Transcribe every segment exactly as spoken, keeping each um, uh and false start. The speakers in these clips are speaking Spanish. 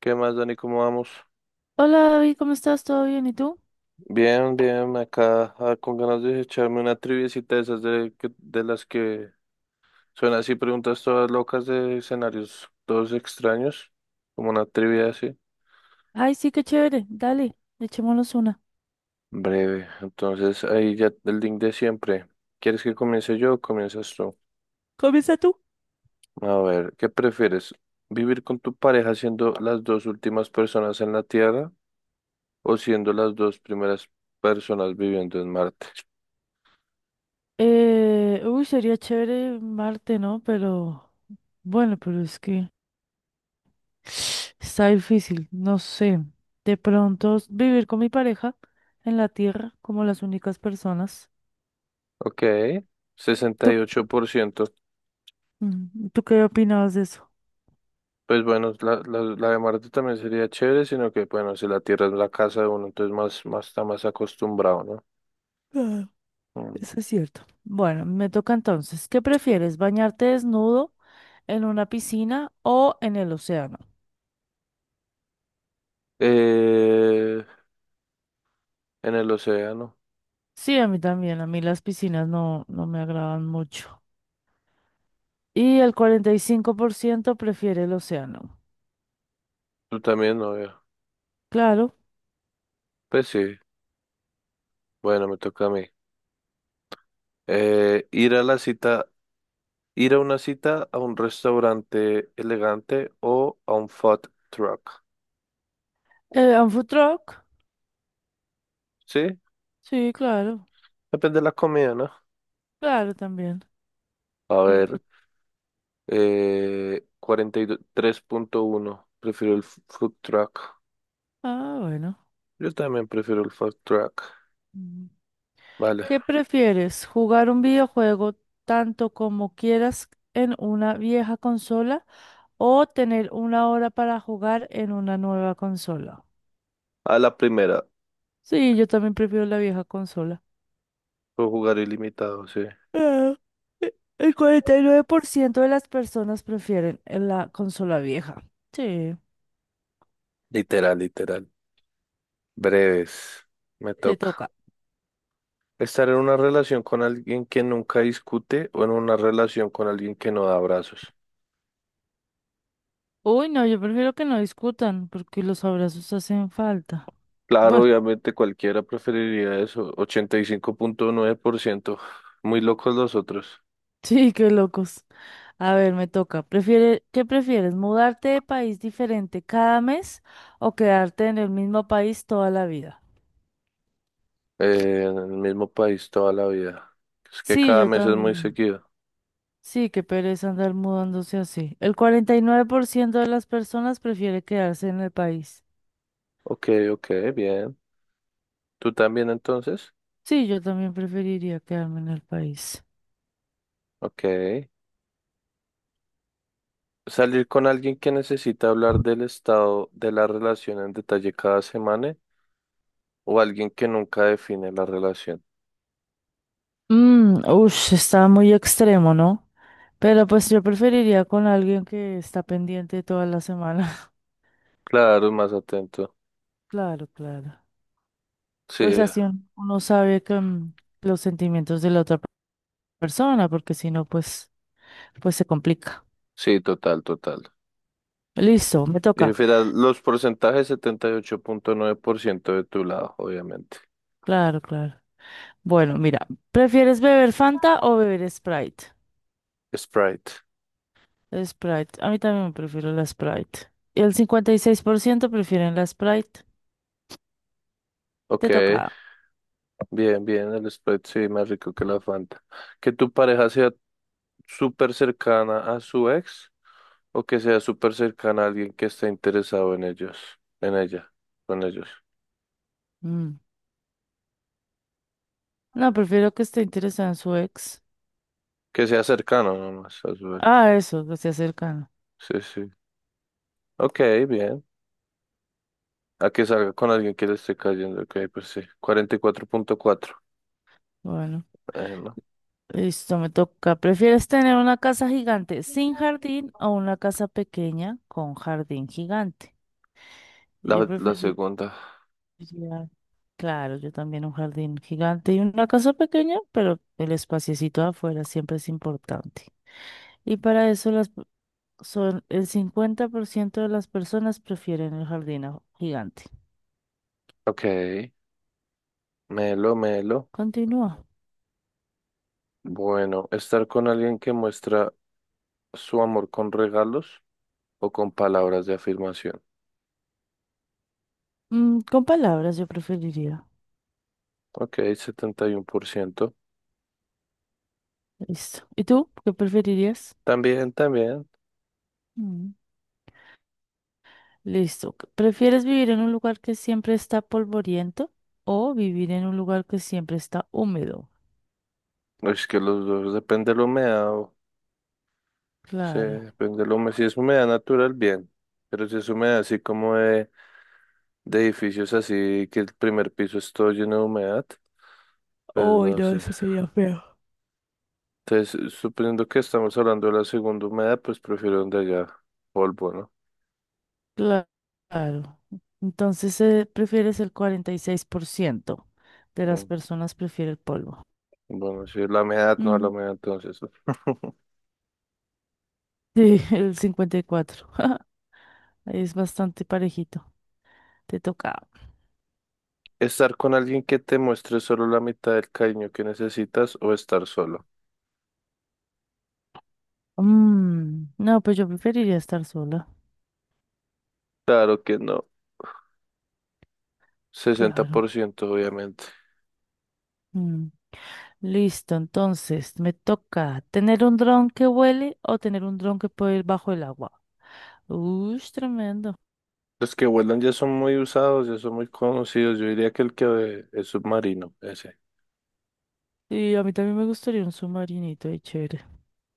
¿Qué más, Dani? ¿Cómo vamos? Hola David, ¿cómo estás? ¿Todo bien? ¿Y tú? Bien, bien, acá ah, con ganas de echarme una triviecita de esas de, que- de las que son así preguntas todas locas de escenarios todos extraños, como una trivia así. Ay, sí, qué chévere. Dale, echémonos una. Breve, entonces ahí ya el link de siempre. ¿Quieres que comience yo o comienzas tú? Comienza tú. A ver, ¿qué prefieres? ¿Vivir con tu pareja siendo las dos últimas personas en la Tierra o siendo las dos primeras personas viviendo en Marte? Eh, uy, sería chévere Marte, ¿no? Pero bueno, pero es que está difícil. No sé. De pronto s- vivir con mi pareja en la Tierra como las únicas personas. Ok, sesenta y ¿Tú, ocho por ciento. mm, ¿tú qué opinabas de eso? Pues bueno, la, la, la de Marte también sería chévere, sino que bueno, si la Tierra es la casa de uno, entonces más, más está más acostumbrado, ¿no? Ah, Mm. eso es cierto. Bueno, me toca entonces. ¿Qué prefieres? ¿Bañarte desnudo en una piscina o en el océano? Eh, en el océano, Sí, a mí también, a mí las piscinas no, no me agradan mucho. Y el cuarenta y cinco por ciento prefiere el océano. tú también, no veo. Claro. Pues sí, bueno, me toca a mí. Eh, ir a la cita, ir a una cita a un restaurante elegante o a un food truck. Eh, ¿un food truck? Sí, Sí, claro. depende de la comida, ¿no? Claro, también. A No ver, importa. eh, cuarenta y tres punto uno prefiero el f- food truck. Ah, bueno. Yo también prefiero el food truck. Mm. Vale. ¿Qué prefieres? ¿Jugar un videojuego tanto como quieras en una vieja consola o tener una hora para jugar en una nueva consola? A la primera. Sí, yo también prefiero la vieja consola. Puedo jugar ilimitado, sí. Ah, e- el cuarenta y nueve por ciento de las personas prefieren en la consola vieja. Sí, Literal, literal. Breves. Me te toca. toca. Estar en una relación con alguien que nunca discute o en una relación con alguien que no da abrazos. Uy, no, yo prefiero que no discutan porque los abrazos hacen falta. Claro, Bueno, obviamente cualquiera preferiría eso. Ochenta y cinco punto nueve por ciento. Muy locos los otros. sí, qué locos. A ver, me toca. ¿Prefiere, qué prefieres? ¿Mudarte de país diferente cada mes o quedarte en el mismo país toda la vida? Eh, en el mismo país toda la vida. Es que, sí, Sí, cada yo mes es muy también. seguido. Sí, qué pereza andar mudándose así. El cuarenta y nueve por ciento de las personas prefiere quedarse en el país. Ok, ok, bien. ¿Tú también entonces? Sí, yo también preferiría quedarme en el país. Ok. Salir con alguien que necesita hablar del estado de la relación en detalle cada semana o alguien que nunca define la relación. Mm, ush, está muy extremo, ¿no? Pero pues yo preferiría con alguien que está pendiente toda la semana. Claro, más atento. Claro, claro. Sí, Pues así un- uno sabe que mm, los sentimientos de la otra pe- persona, porque si no, pues, pues se complica. sí, total, total. Listo, me Y toca. mira, los porcentajes setenta y ocho punto nueve por ciento de tu lado, obviamente. Claro, claro. Bueno, mira, ¿prefieres beber Fanta o beber Sprite? Sprite. Sprite. A mí también me prefiero la Sprite. Y el cincuenta y seis por ciento prefieren la Sprite. Ok, Te toca. bien, bien, el Sprite sí, más rico que la Fanta. Que tu pareja sea súper cercana a su ex o que sea súper cercana a alguien que esté interesado en ellos, en ella, con ellos. Mm. No, prefiero que esté interesada en su ex. Que sea cercano nomás a su ex. Ah, eso, que esté cercano. Sí, sí. Ok, bien. A que salga con alguien que le esté cayendo. Ok, pues sí. cuarenta y cuatro punto cuatro. Bueno, Eh, no. listo, me toca. ¿Prefieres tener una casa gigante sin jardín o una casa pequeña con jardín gigante? Y yo La, la preferiría, segunda. claro, yo también un jardín gigante y una casa pequeña, pero el espaciecito afuera siempre es importante. Y para eso las p- son el cincuenta por ciento de las personas prefieren el jardín a- gigante. Ok. Melo, melo. Continúa. Bueno, estar con alguien que muestra su amor con regalos o con palabras de afirmación. Mm, con palabras yo preferiría. Ok, setenta y uno por ciento. Listo. ¿Y tú? ¿Qué preferirías? También, también. Mm. Listo. ¿Prefieres vivir en un lugar que siempre está polvoriento o vivir en un lugar que siempre está húmedo? Es que los dos depende de la humedad. o- Sí, Claro. depende de la humedad. Si es humedad natural, bien. Pero si es humedad así como de de edificios así que el primer piso es todo lleno de humedad, pues Uy, no no, sé. eso sería feo. Entonces, suponiendo que estamos hablando de la segunda humedad, pues prefiero donde haya polvo, ¿no? Cla- Claro. Entonces, eh, prefieres el cuarenta y seis por ciento de las Mm, personas prefiere el polvo. Bueno, sí, la humedad, no la Mm. humedad, entonces, ¿no? Sí, el cincuenta y cuatro por ciento. Ahí es bastante parejito. Te toca. Estar con alguien que te muestre solo la mitad del cariño que necesitas o estar solo. Mm, No, pues yo preferiría estar sola. Claro que no, sesenta por Claro. ciento obviamente. Mm. Listo, entonces me toca tener un dron que huele o tener un dron que puede ir bajo el agua. Uy, tremendo. Los que vuelan ya son muy usados, ya son muy conocidos. Yo diría que el que es submarino, ese. Y a mí también me gustaría un submarinito de chévere.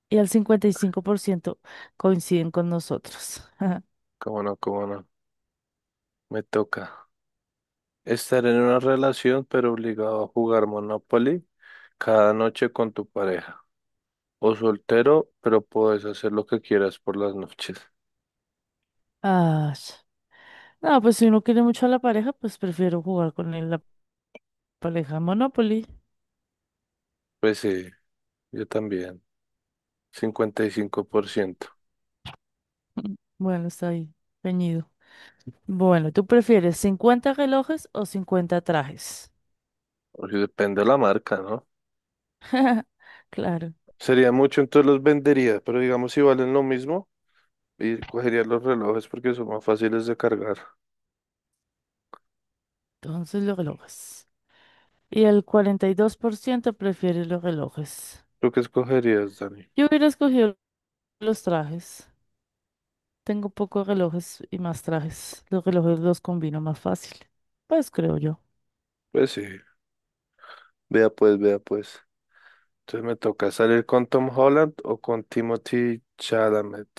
Y al cincuenta y cinco por ciento coinciden con nosotros. Cómo no, cómo no, me toca. Estar en una relación pero obligado a jugar Monopoly cada noche con tu pareja. O soltero, pero puedes hacer lo que quieras por las noches. Ah, no, pues si uno quiere mucho a la pareja, pues prefiero jugar con el- la pareja Monopoly. Pues sí, yo también. Cincuenta y cinco por ciento. Bueno, está ahí, peñido. Bueno, ¿tú prefieres cincuenta relojes o cincuenta trajes? O sea, depende de la marca, ¿no? Claro, Sería mucho, entonces los vendería, pero digamos si valen lo mismo, y cogería los relojes porque son más fáciles de cargar. entonces los relojes. Y el cuarenta y dos por ciento prefiere los relojes. ¿Tú qué escogerías, Dani? Yo hubiera escogido los trajes. Tengo pocos relojes y más trajes. Los relojes los combino más fácil. Pues creo yo. Pues sí, vea pues, vea pues. Entonces me toca salir con Tom Holland o con Timothy Chalamet.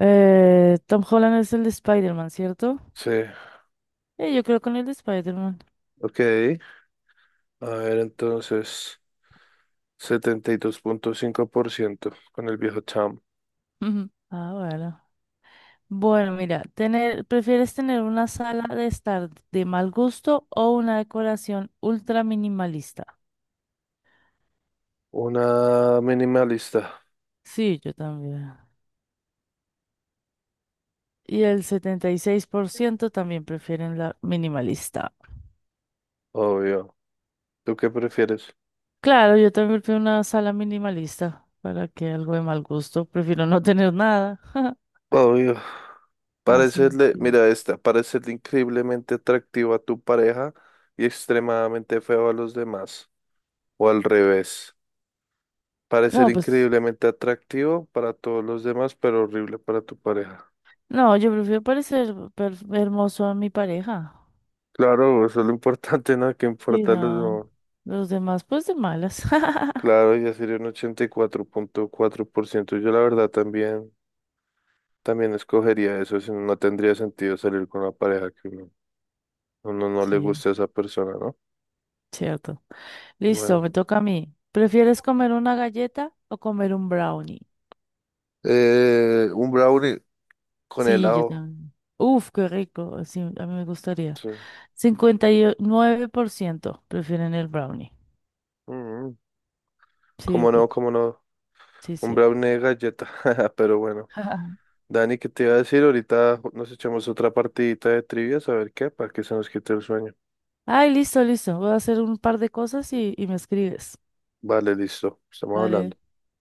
Eh, Tom Holland es el de Spider-Man, ¿cierto? Sí. Eh, yo creo con el de Spider-Man. Ok, a ver entonces, setenta y dos punto cinco por ciento con el viejo Cham. Ujú. Ah, bueno. Bueno, mira, tener, ¿prefieres tener una sala de estar de mal gusto o una decoración ultra minimalista? Una minimalista, Sí, yo también. Y el setenta y seis por ciento también prefieren la minimalista. obvio. ¿Tú qué prefieres? Claro, yo también prefiero una sala minimalista para que algo de mal gusto. Prefiero no tener nada. Obvio. Así. Parecerle, Sí. mira esta, parecerle increíblemente atractivo a tu pareja y extremadamente feo a los demás. O al revés, parecer No, pues, increíblemente atractivo para todos los demás, pero horrible para tu pareja. no, yo prefiero parecer per- hermoso a mi pareja. Claro, eso es lo importante, ¿no? ¿Qué Sí, importa los no. demás? Los demás, pues de malas. Claro, ya sería un ochenta y cuatro punto cuatro por ciento. Yo la verdad también, también escogería eso, si no no tendría sentido salir con una pareja que uno, uno no le Sí, guste a esa persona, ¿no? cierto. Listo, Bueno. me toca a mí. ¿Prefieres comer una galleta o comer un brownie? Eh, un brownie con Sí, yo helado. también. Uf, qué rico. Sí, a mí me gustaría. Sí. Cincuenta y nueve por ciento prefieren el brownie. Mm. Sí, ¿Cómo no? rico. ¿Cómo no? Sí, Un sí. brownie de galleta. Pero bueno. Dani, ¿qué te iba a decir? Ahorita nos echamos otra partidita de trivias, a ver qué, para que se nos quite el sueño. Ay, listo, listo. Voy a hacer un par de cosas y, y me escribes. Vale, listo. Estamos Vale. hablando.